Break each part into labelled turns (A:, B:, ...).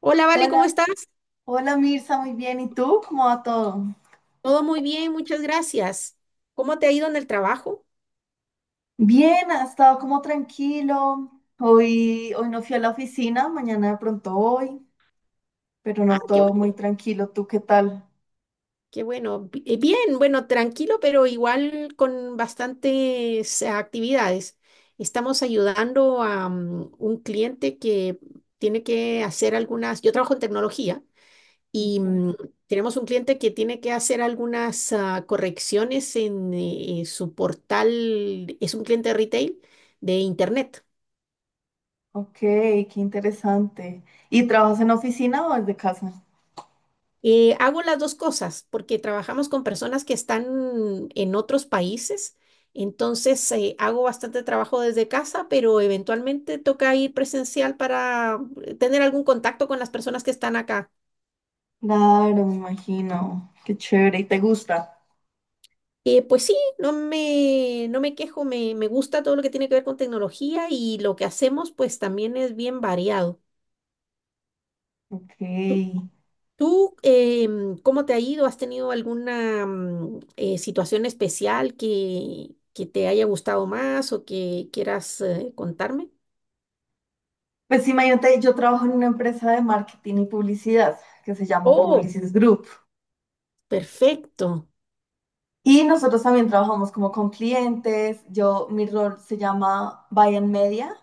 A: Hola, Vale, ¿cómo
B: Hola,
A: estás?
B: hola Mirza, muy bien. ¿Y tú? ¿Cómo va todo?
A: Todo muy bien, muchas gracias. ¿Cómo te ha ido en el trabajo?
B: Bien, ha estado como tranquilo. Hoy no fui a la oficina, mañana de pronto voy, pero
A: Ah,
B: no
A: qué
B: todo
A: bueno,
B: muy tranquilo. ¿Tú qué tal?
A: qué bueno. Bien, bueno, tranquilo, pero igual con bastantes actividades. Estamos ayudando a un cliente que tiene que hacer algunas, yo trabajo en tecnología y
B: Ok,
A: mm, tenemos un cliente que tiene que hacer algunas correcciones en su portal, es un cliente retail de internet.
B: ok, qué interesante. ¿Y trabajas en oficina o desde casa?
A: Hago las dos cosas porque trabajamos con personas que están en otros países, entonces hago bastante trabajo desde casa, pero eventualmente toca ir presencial para tener algún contacto con las personas que están acá.
B: Claro, me imagino. Qué chévere. ¿Y te gusta?
A: Pues sí, no me quejo, me gusta todo lo que tiene que ver con tecnología y lo que hacemos pues también es bien variado.
B: Ok.
A: ¿Tú cómo te ha ido? ¿Has tenido alguna situación especial que te haya gustado más o que quieras contarme?
B: Pues imagínate, yo trabajo en una empresa de marketing y publicidad que se llama
A: Oh,
B: Publicis Group.
A: perfecto.
B: Y nosotros también trabajamos como con clientes. Yo, mi rol se llama Buy and Media,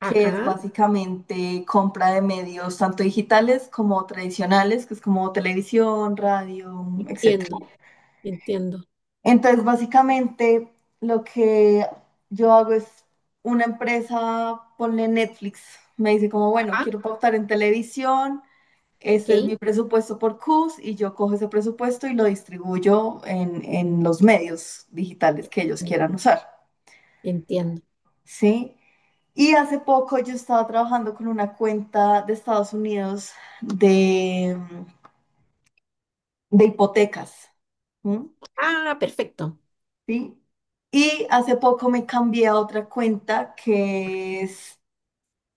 B: que es
A: Ajá,
B: básicamente compra de medios tanto digitales como tradicionales, que es como televisión, radio, etcétera.
A: entiendo, entiendo.
B: Entonces, básicamente lo que yo hago es una empresa, ponle Netflix, me dice como, bueno,
A: Ajá,
B: quiero pautar en televisión,
A: ok.
B: este es mi presupuesto por CUS, y yo cojo ese presupuesto y lo distribuyo en los medios digitales que ellos
A: Entiendo.
B: quieran usar,
A: Entiendo.
B: ¿sí? Y hace poco yo estaba trabajando con una cuenta de Estados Unidos de, de hipotecas, ¿m?
A: Ah, perfecto.
B: ¿Sí? Y hace poco me cambié a otra cuenta que es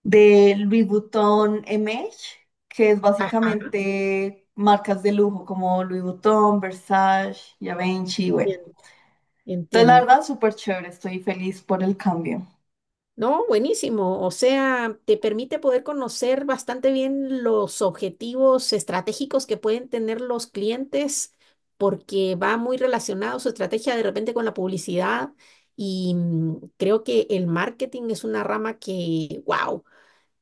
B: de Louis Vuitton MH, que es
A: Ajá,
B: básicamente marcas de lujo como Louis Vuitton, Versace, Givenchy, bueno.
A: entiendo,
B: Entonces, la
A: entiendo.
B: verdad, súper chévere, estoy feliz por el cambio.
A: No, buenísimo. O sea, te permite poder conocer bastante bien los objetivos estratégicos que pueden tener los clientes, porque va muy relacionado su estrategia de repente con la publicidad. Y creo que el marketing es una rama que, wow,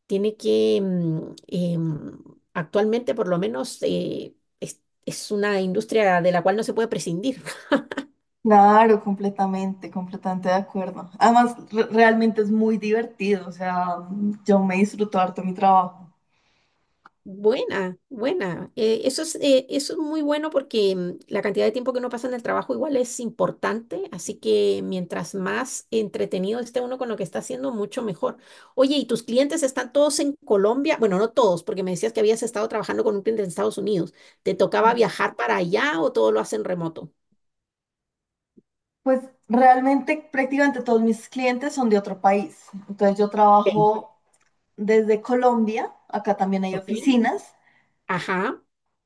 A: tiene que actualmente por lo menos, es una industria de la cual no se puede prescindir.
B: Claro, completamente de acuerdo. Además, realmente es muy divertido, o sea, yo me disfruto harto mi trabajo.
A: Buena, buena. Eso es muy bueno porque la cantidad de tiempo que uno pasa en el trabajo igual es importante, así que mientras más entretenido esté uno con lo que está haciendo, mucho mejor. Oye, ¿y tus clientes están todos en Colombia? Bueno, no todos, porque me decías que habías estado trabajando con un cliente en Estados Unidos. ¿Te tocaba viajar para allá o todo lo hacen remoto?
B: Pues realmente prácticamente todos mis clientes son de otro país. Entonces yo
A: Sí.
B: trabajo desde Colombia, acá también hay
A: Ok.
B: oficinas,
A: Ajá.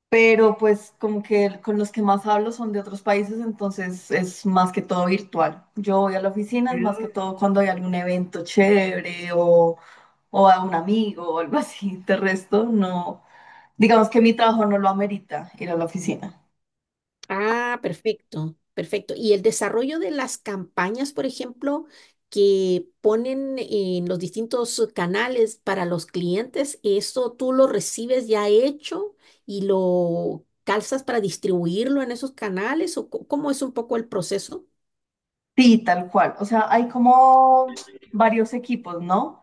B: pero pues como que con los que más hablo son de otros países, entonces es más que todo virtual. Yo voy a la oficina, es más que todo cuando hay algún evento chévere o a un amigo o algo así. De resto, no, digamos que mi trabajo no lo amerita ir a la oficina.
A: Ah, perfecto, perfecto. Y el desarrollo de las campañas, por ejemplo, que ponen en los distintos canales para los clientes, ¿eso tú lo recibes ya hecho y lo calzas para distribuirlo en esos canales? ¿O cómo es un poco el proceso?
B: Sí, tal cual. O sea, hay como varios equipos, ¿no?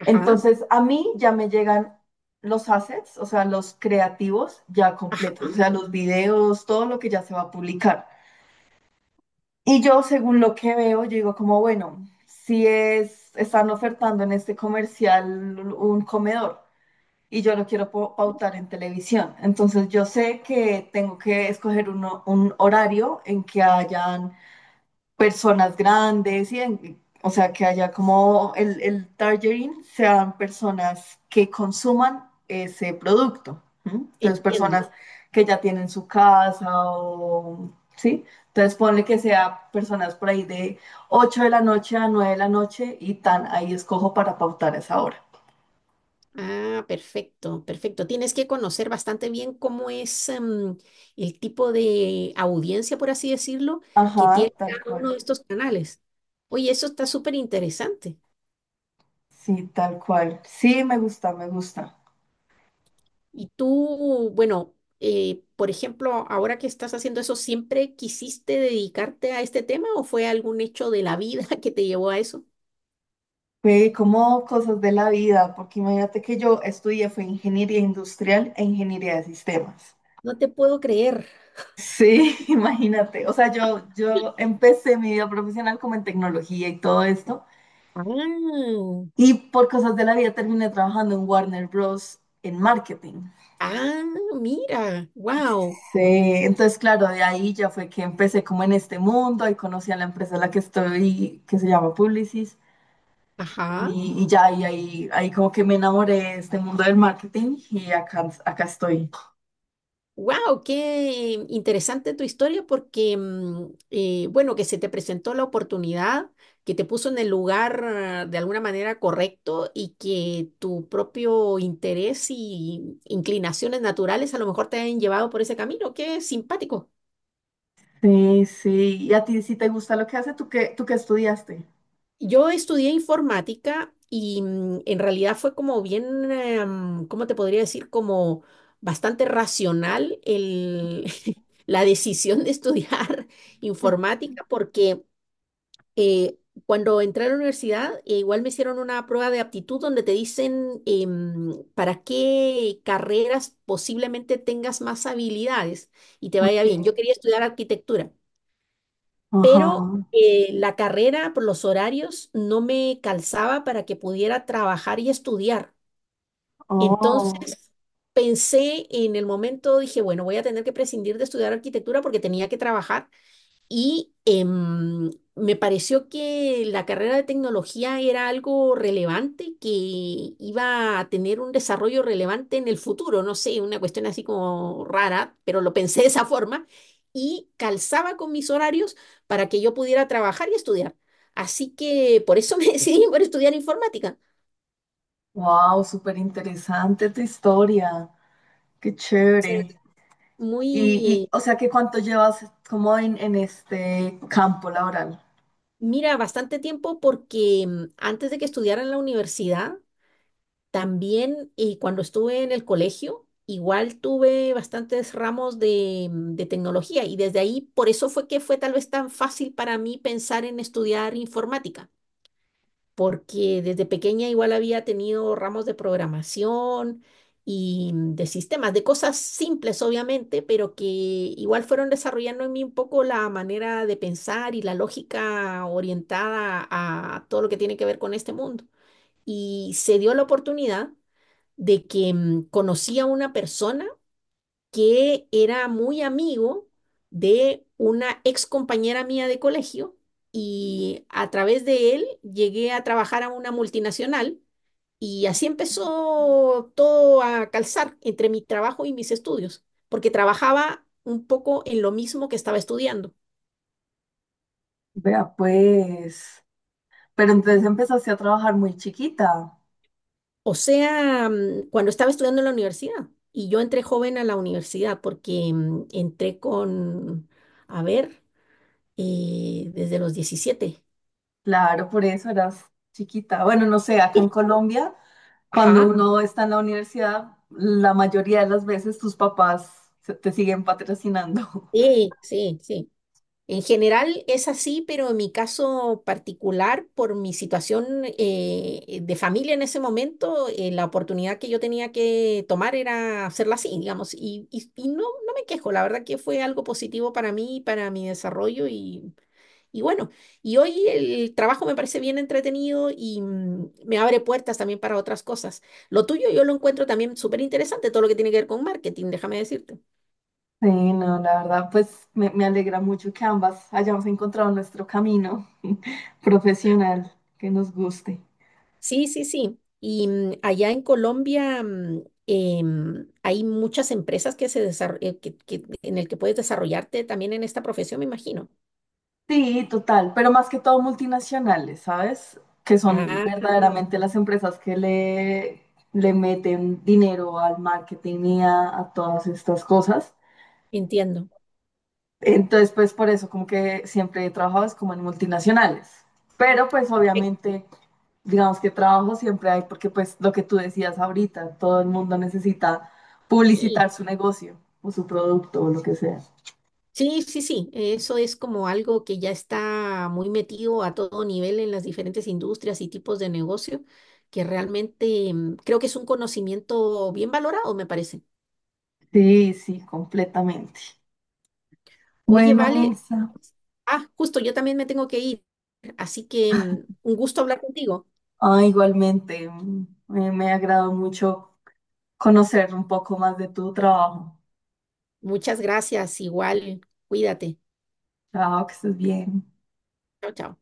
A: Ajá,
B: Entonces a mí ya me llegan los assets, o sea, los creativos ya
A: ajá,
B: completos, o sea, los videos, todo lo que ya se va a publicar. Y yo, según lo que veo, yo digo como, bueno, si es, están ofertando en este comercial un comedor y yo lo quiero pautar en televisión, entonces yo sé que tengo que escoger un horario en que hayan personas grandes o sea, que haya como el targeting sean personas que consuman ese producto. ¿M? Entonces,
A: entiendo.
B: personas que ya tienen su casa o, ¿sí? Entonces, ponle que sea personas por ahí de 8 de la noche a 9 de la noche y tan ahí escojo para pautar esa hora.
A: Ah, perfecto, perfecto. Tienes que conocer bastante bien cómo es el tipo de audiencia, por así decirlo, que
B: Ajá,
A: tiene
B: tal
A: cada uno
B: cual.
A: de estos canales. Oye, eso está súper interesante.
B: Sí, tal cual. Sí, me gusta.
A: Y tú, bueno, por ejemplo, ahora que estás haciendo eso, ¿siempre quisiste dedicarte a este tema o fue algún hecho de la vida que te llevó a eso?
B: Fue como cosas de la vida, porque imagínate que yo estudié fue ingeniería industrial e ingeniería de sistemas.
A: No te puedo creer.
B: Sí, imagínate. O sea, yo empecé mi vida profesional como en tecnología y todo esto,
A: Ah,
B: y por cosas de la vida terminé trabajando en Warner Bros. En marketing.
A: ah, mira, wow,
B: Sí, entonces claro, de ahí ya fue que empecé como en este mundo, ahí conocí a la empresa en la que estoy, que se llama Publicis,
A: ajá.
B: y ya ahí como que me enamoré de este mundo del marketing y acá, acá estoy.
A: Wow, qué interesante tu historia porque, bueno, que se te presentó la oportunidad, que te puso en el lugar de alguna manera correcto y que tu propio interés y inclinaciones naturales a lo mejor te han llevado por ese camino. Qué simpático.
B: Sí, sí. ¿Y a ti si te gusta lo que hace? Tú qué estudiaste?
A: Yo estudié informática y en realidad fue como bien, ¿cómo te podría decir? Como bastante racional la decisión de estudiar informática porque eh, cuando entré a la universidad, igual me hicieron una prueba de aptitud donde te dicen para qué carreras posiblemente tengas más habilidades y te
B: Ok.
A: vaya bien. Yo quería estudiar arquitectura,
B: Ajá.
A: pero la carrera por los horarios no me calzaba para que pudiera trabajar y estudiar.
B: Oh,
A: Entonces pensé en el momento, dije, bueno, voy a tener que prescindir de estudiar arquitectura porque tenía que trabajar. Y me pareció que la carrera de tecnología era algo relevante, que iba a tener un desarrollo relevante en el futuro, no sé, una cuestión así como rara, pero lo pensé de esa forma y calzaba con mis horarios para que yo pudiera trabajar y estudiar. Así que por eso me decidí por estudiar informática.
B: wow, súper interesante tu historia. Qué
A: Sea,
B: chévere. Y,
A: muy,
B: o sea, ¿que cuánto llevas como en este campo laboral?
A: mira, bastante tiempo porque antes de que estudiara en la universidad, también cuando estuve en el colegio, igual tuve bastantes ramos de tecnología y desde ahí, por eso fue que fue tal vez tan fácil para mí pensar en estudiar informática, porque desde pequeña igual había tenido ramos de programación y de sistemas, de cosas simples obviamente, pero que igual fueron desarrollando en mí un poco la manera de pensar y la lógica orientada a todo lo que tiene que ver con este mundo. Y se dio la oportunidad de que conocí a una persona que era muy amigo de una ex compañera mía de colegio y a través de él llegué a trabajar a una multinacional y así empezó todo a calzar entre mi trabajo y mis estudios, porque trabajaba un poco en lo mismo que estaba estudiando.
B: Vea, pues. Pero entonces empezaste a trabajar muy chiquita.
A: O sea, cuando estaba estudiando en la universidad. Y yo entré joven a la universidad porque entré con, a ver, desde los 17.
B: Claro, por eso eras chiquita. Bueno, no sé, acá en Colombia, cuando
A: Ajá,
B: uno está en la universidad, la mayoría de las veces tus papás te siguen patrocinando.
A: sí, sí, sí. En general es así, pero en mi caso particular, por mi situación de familia en ese momento, la oportunidad que yo tenía que tomar era hacerla así, digamos, y, y no, no me quejo, la verdad que fue algo positivo para mí, para mi desarrollo y. Y bueno, y hoy el trabajo me parece bien entretenido y me abre puertas también para otras cosas. Lo tuyo yo lo encuentro también súper interesante, todo lo que tiene que ver con marketing, déjame decirte.
B: Sí, no, la verdad, pues me alegra mucho que ambas hayamos encontrado nuestro camino profesional que nos guste.
A: Sí, sí, sí. Y allá en Colombia hay muchas empresas que se en el que puedes desarrollarte también en esta profesión, me imagino.
B: Sí, total, pero más que todo multinacionales, ¿sabes? Que son
A: Ah,
B: verdaderamente las empresas que le meten dinero al marketing y a todas estas cosas.
A: entiendo.
B: Entonces, pues por eso como que siempre he trabajado es como en multinacionales. Pero pues
A: Perfecto,
B: obviamente, digamos que trabajo siempre hay porque pues lo que tú decías ahorita, todo el mundo necesita
A: sí.
B: publicitar su negocio o su producto o lo que sea.
A: Sí, sí, sí, eso es como algo que ya está muy metido a todo nivel en las diferentes industrias y tipos de negocio, que realmente creo que es un conocimiento bien valorado, me parece.
B: Sí, sí, completamente.
A: Oye,
B: Bueno,
A: vale,
B: Mirza,
A: ah, justo, yo también me tengo que ir, así que un gusto hablar contigo.
B: ah, igualmente, me agradó mucho conocer un poco más de tu trabajo.
A: Muchas gracias, igual, cuídate.
B: Chao, que estés bien.
A: Chao, chao.